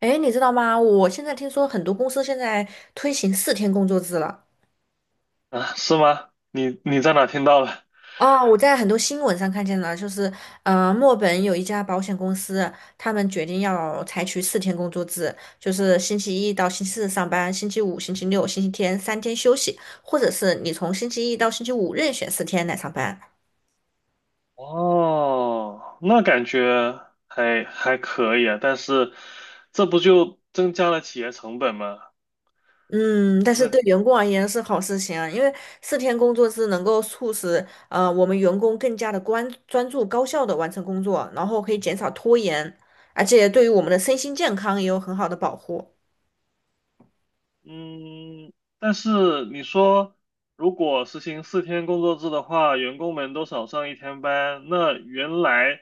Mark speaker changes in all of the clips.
Speaker 1: 哎，你知道吗？我现在听说很多公司现在推行四天工作制了。
Speaker 2: 啊，是吗？你在哪听到了？
Speaker 1: 啊！我在很多新闻上看见了，就是，墨尔本有一家保险公司，他们决定要采取四天工作制，就是星期一到星期四上班，星期五、星期六、星期天三天休息，或者是你从星期一到星期五任选四天来上班。
Speaker 2: 哦，那感觉还可以啊，但是这不就增加了企业成本吗？
Speaker 1: 嗯，但是
Speaker 2: 那
Speaker 1: 对员工而言是好事情啊，因为四天工作制能够促使我们员工更加的专注、高效的完成工作，然后可以减少拖延，而且对于我们的身心健康也有很好的保护。
Speaker 2: 嗯，但是你说，如果实行四天工作制的话，员工们都少上一天班，那原来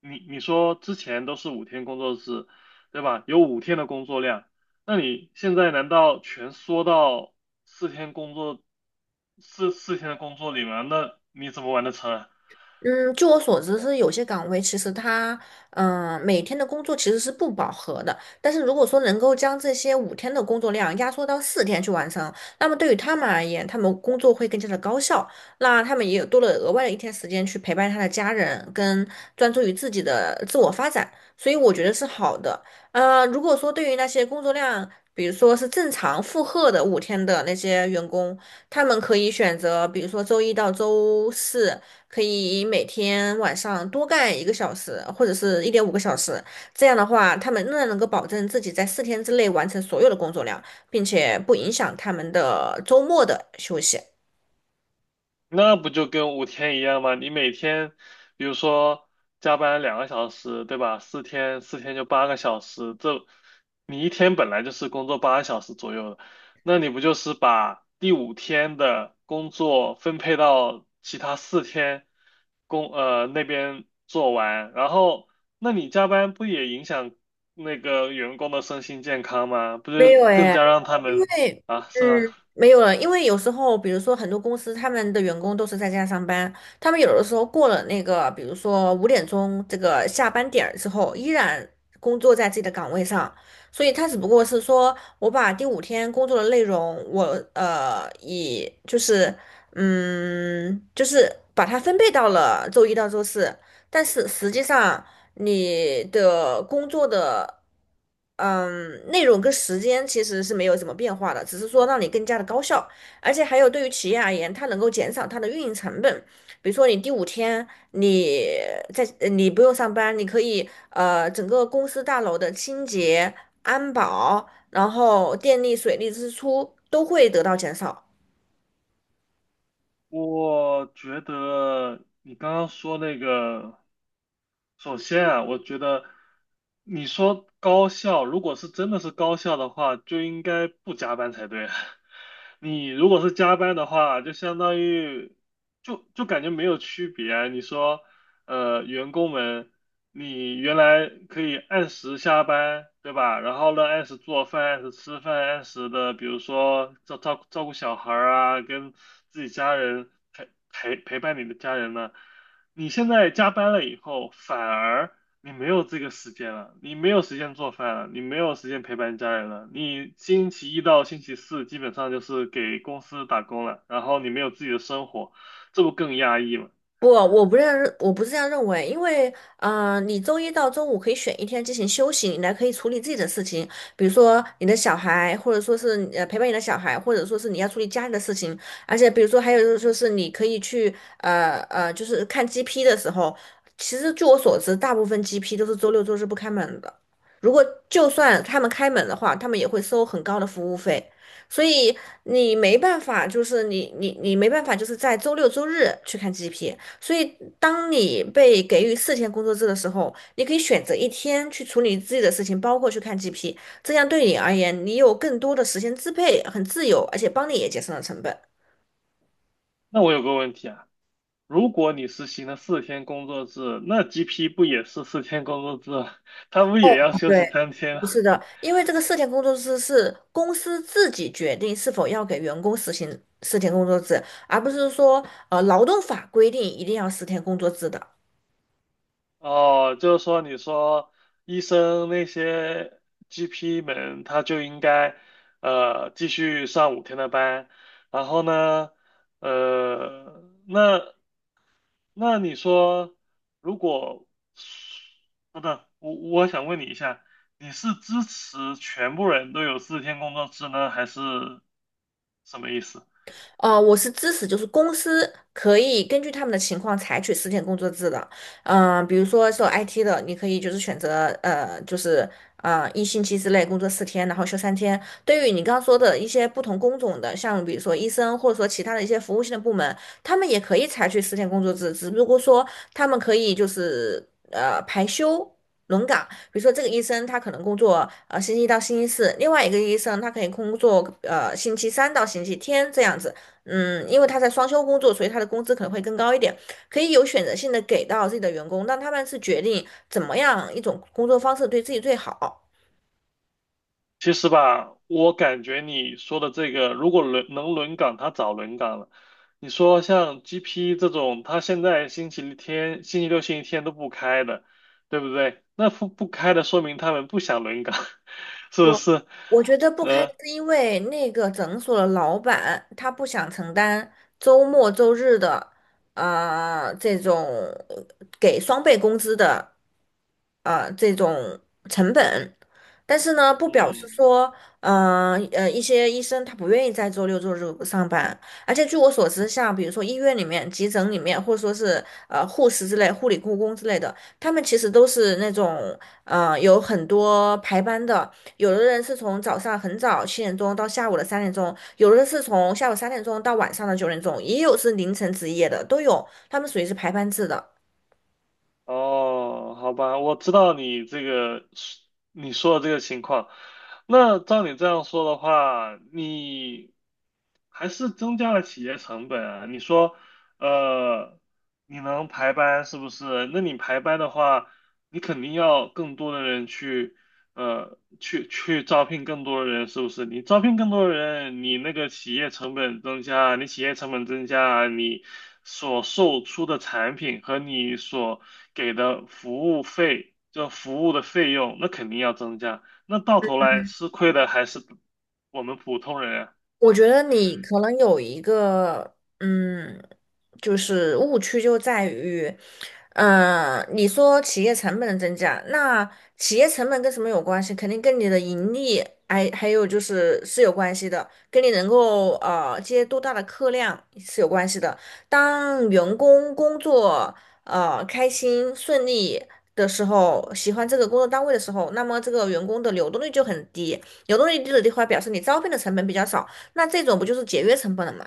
Speaker 2: 你说之前都是5天工作制，对吧？有5天的工作量，那你现在难道全缩到四天工作，四天的工作里吗？那你怎么完得成啊？
Speaker 1: 嗯，据我所知是有些岗位其实他，每天的工作其实是不饱和的。但是如果说能够将这些五天的工作量压缩到四天去完成，那么对于他们而言，他们工作会更加的高效。那他们也有多了额外的一天时间去陪伴他的家人，跟专注于自己的自我发展。所以我觉得是好的。如果说对于那些工作量，比如说是正常负荷的五天的那些员工，他们可以选择，比如说周一到周四。可以每天晚上多干一个小时，或者是1.5个小时。这样的话，他们仍然能够保证自己在四天之内完成所有的工作量，并且不影响他们的周末的休息。
Speaker 2: 那不就跟五天一样吗？你每天，比如说加班2个小时，对吧？四天就八个小时，这你一天本来就是工作八个小时左右的，那你不就是把第5天的工作分配到其他4天那边做完，然后那你加班不也影响那个员工的身心健康吗？不
Speaker 1: 没
Speaker 2: 就
Speaker 1: 有
Speaker 2: 更
Speaker 1: 诶，
Speaker 2: 加让他
Speaker 1: 因
Speaker 2: 们
Speaker 1: 为
Speaker 2: 啊，是吗？
Speaker 1: 没有了，因为有时候，比如说很多公司他们的员工都是在家上班，他们有的时候过了那个，比如说5点钟这个下班点儿之后，依然工作在自己的岗位上，所以他只不过是说我把第五天工作的内容，我呃以就是嗯就是把它分配到了周一到周四，但是实际上你的工作的。内容跟时间其实是没有什么变化的，只是说让你更加的高效，而且还有对于企业而言，它能够减少它的运营成本。比如说你第五天你你不用上班，你可以整个公司大楼的清洁、安保，然后电力、水利支出都会得到减少。
Speaker 2: 我觉得你刚刚说那个，首先啊，我觉得你说高校，如果是真的是高校的话，就应该不加班才对啊。你如果是加班的话，就相当于就感觉没有区别啊。你说员工们，你原来可以按时下班，对吧？然后呢，按时做饭，按时吃饭，按时的，比如说照顾小孩儿啊，跟自己家人陪伴你的家人呢。你现在加班了以后，反而你没有这个时间了，你没有时间做饭了，你没有时间陪伴家人了。你星期一到星期四基本上就是给公司打工了，然后你没有自己的生活，这不更压抑吗？
Speaker 1: 不，我不是这样认为，因为，你周一到周五可以选一天进行休息，你来可以处理自己的事情，比如说你的小孩，或者说是陪伴你的小孩，或者说是你要处理家里的事情，而且比如说还有就是说是你可以去，就是看 GP 的时候，其实据我所知，大部分 GP 都是周六周日不开门的，如果就算他们开门的话，他们也会收很高的服务费。所以你没办法，就是你没办法，就是在周六周日去看 GP。所以，当你被给予四天工作制的时候，你可以选择一天去处理自己的事情，包括去看 GP，这样对你而言，你有更多的时间支配，很自由，而且帮你也节省了成本。
Speaker 2: 那我有个问题啊。如果你实行了四天工作制，那 GP 不也是四天工作制吗 他不
Speaker 1: 哦，
Speaker 2: 也要休
Speaker 1: 对，
Speaker 2: 息3天
Speaker 1: 不
Speaker 2: 啊？
Speaker 1: 是的，因为这个四天工作制是公司自己决定是否要给员工实行四天工作制，而不是说劳动法规定一定要四天工作制的。
Speaker 2: 哦，就是说，你说医生那些 GP 们，他就应该继续上5天的班，然后呢，呃，那那你说，如果，等等，我想问你一下，你是支持全部人都有四天工作制呢，还是什么意思？
Speaker 1: 我是支持，就是公司可以根据他们的情况采取十天工作制的。比如说做 IT 的，你可以就是选择就是一星期之内工作四天，然后休三天。对于你刚刚说的一些不同工种的，像比如说医生或者说其他的一些服务性的部门，他们也可以采取十天工作制，只不过说他们可以就是排休。轮岗，比如说这个医生他可能工作星期一到星期四，另外一个医生他可以工作星期三到星期天这样子。因为他在双休工作，所以他的工资可能会更高一点，可以有选择性的给到自己的员工，让他们是决定怎么样一种工作方式对自己最好。
Speaker 2: 其实吧，我感觉你说的这个，如果能轮岗，他早轮岗了。你说像 GP 这种，他现在星期天、星期六、星期天都不开的，对不对？那不开的，说明他们不想轮岗，是不是？
Speaker 1: 我觉得不开
Speaker 2: 呃，
Speaker 1: 是因为那个诊所的老板他不想承担周末、周日的，啊这种呃给双倍工资的，啊这种成本。但是呢，不表示
Speaker 2: 嗯。
Speaker 1: 说，一些医生他不愿意在周六周日上班。而且据我所知，像比如说医院里面、急诊里面，或者说是护士之类、护理护工之类的，他们其实都是那种。有很多排班的，有的人是从早上很早7点钟到下午的3点钟，有的是从下午3点钟到晚上的9点钟，也有是凌晨值夜的，都有，他们属于是排班制的。
Speaker 2: 哦，好吧，我知道你这个是你说的这个情况。那照你这样说的话，你还是增加了企业成本啊。你说，呃，你能排班是不是？那你排班的话，你肯定要更多的人去，去招聘更多的人，是不是？你招聘更多的人，你那个企业成本增加，你企业成本增加，你。所售出的产品和你所给的服务费，就服务的费用，那肯定要增加。那到头来吃亏的还是我们普通人啊。
Speaker 1: 我觉得你可能有一个，就是误区就在于。你说企业成本的增加，那企业成本跟什么有关系？肯定跟你的盈利，还有就是是有关系的，跟你能够接多大的客量是有关系的。当员工工作开心顺利的时候，喜欢这个工作单位的时候，那么这个员工的流动率就很低，流动率低的地方表示你招聘的成本比较少，那这种不就是节约成本了吗？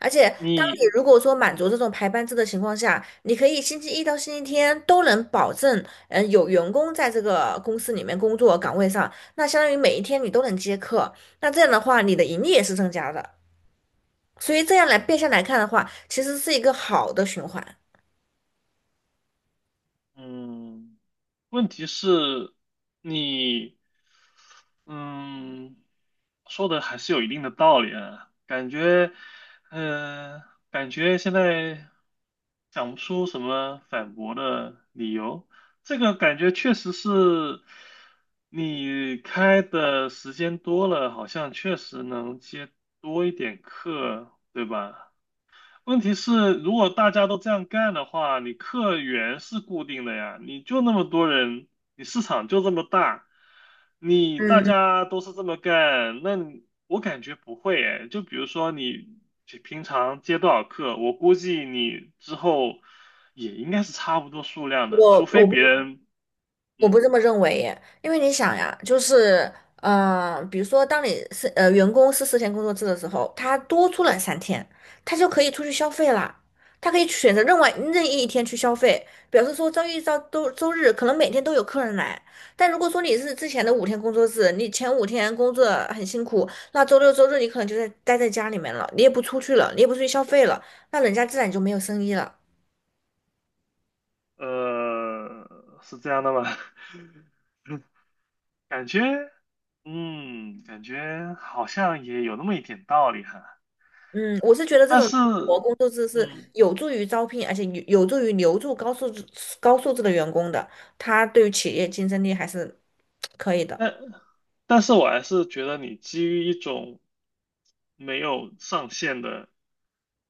Speaker 1: 而且，当你
Speaker 2: 你，
Speaker 1: 如果说满足这种排班制的情况下，你可以星期一到星期天都能保证，有员工在这个公司里面工作岗位上，那相当于每一天你都能接客，那这样的话，你的盈利也是增加的。所以这样来变相来看的话，其实是一个好的循环。
Speaker 2: 嗯，问题是，你。嗯，说的还是有一定的道理啊，感觉，嗯、感觉现在想不出什么反驳的理由。这个感觉确实是，你开的时间多了，好像确实能接多一点课，对吧？问题是，如果大家都这样干的话，你客源是固定的呀，你就那么多人，你市场就这么大，你大
Speaker 1: 嗯，
Speaker 2: 家都是这么干，那你我感觉不会哎。就比如说你平常接多少客，我估计你之后也应该是差不多数量的，除
Speaker 1: 我
Speaker 2: 非
Speaker 1: 我
Speaker 2: 别
Speaker 1: 不
Speaker 2: 人，
Speaker 1: 我
Speaker 2: 嗯，
Speaker 1: 不这么认为耶，因为你想呀，就是，比如说，当你是员工是四天工作制的时候，他多出了三天，他就可以出去消费啦，他可以选择另外任意一天去消费，表示说周一到周日可能每天都有客人来。但如果说你是之前的五天工作制，你前五天工作很辛苦，那周六周日你可能就待在家里面了，你也不出去了，你也不出去消费了，那人家自然就没有生意了。
Speaker 2: 是这样的吗？感觉，嗯，感觉好像也有那么一点道理哈。
Speaker 1: 嗯，我是觉得这
Speaker 2: 但
Speaker 1: 种
Speaker 2: 是，
Speaker 1: 活工作制是
Speaker 2: 嗯，
Speaker 1: 有助于招聘，而且有助于留住高素质的员工的，他对于企业竞争力还是可以的。
Speaker 2: 但但是我还是觉得你基于一种没有上限的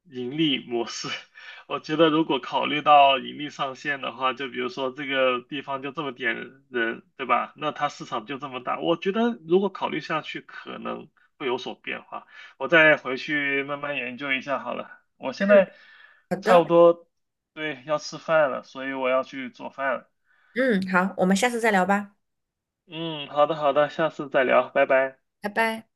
Speaker 2: 盈利模式，我觉得如果考虑到盈利上限的话，就比如说这个地方就这么点人，对吧？那它市场就这么大，我觉得如果考虑下去，可能会有所变化。我再回去慢慢研究一下好了。我现
Speaker 1: 嗯，
Speaker 2: 在
Speaker 1: 好
Speaker 2: 差
Speaker 1: 的，
Speaker 2: 不多，对，要吃饭了，所以我要去做饭了。
Speaker 1: 嗯，好，我们下次再聊吧。
Speaker 2: 嗯，好的好的，下次再聊，拜拜。
Speaker 1: 拜拜。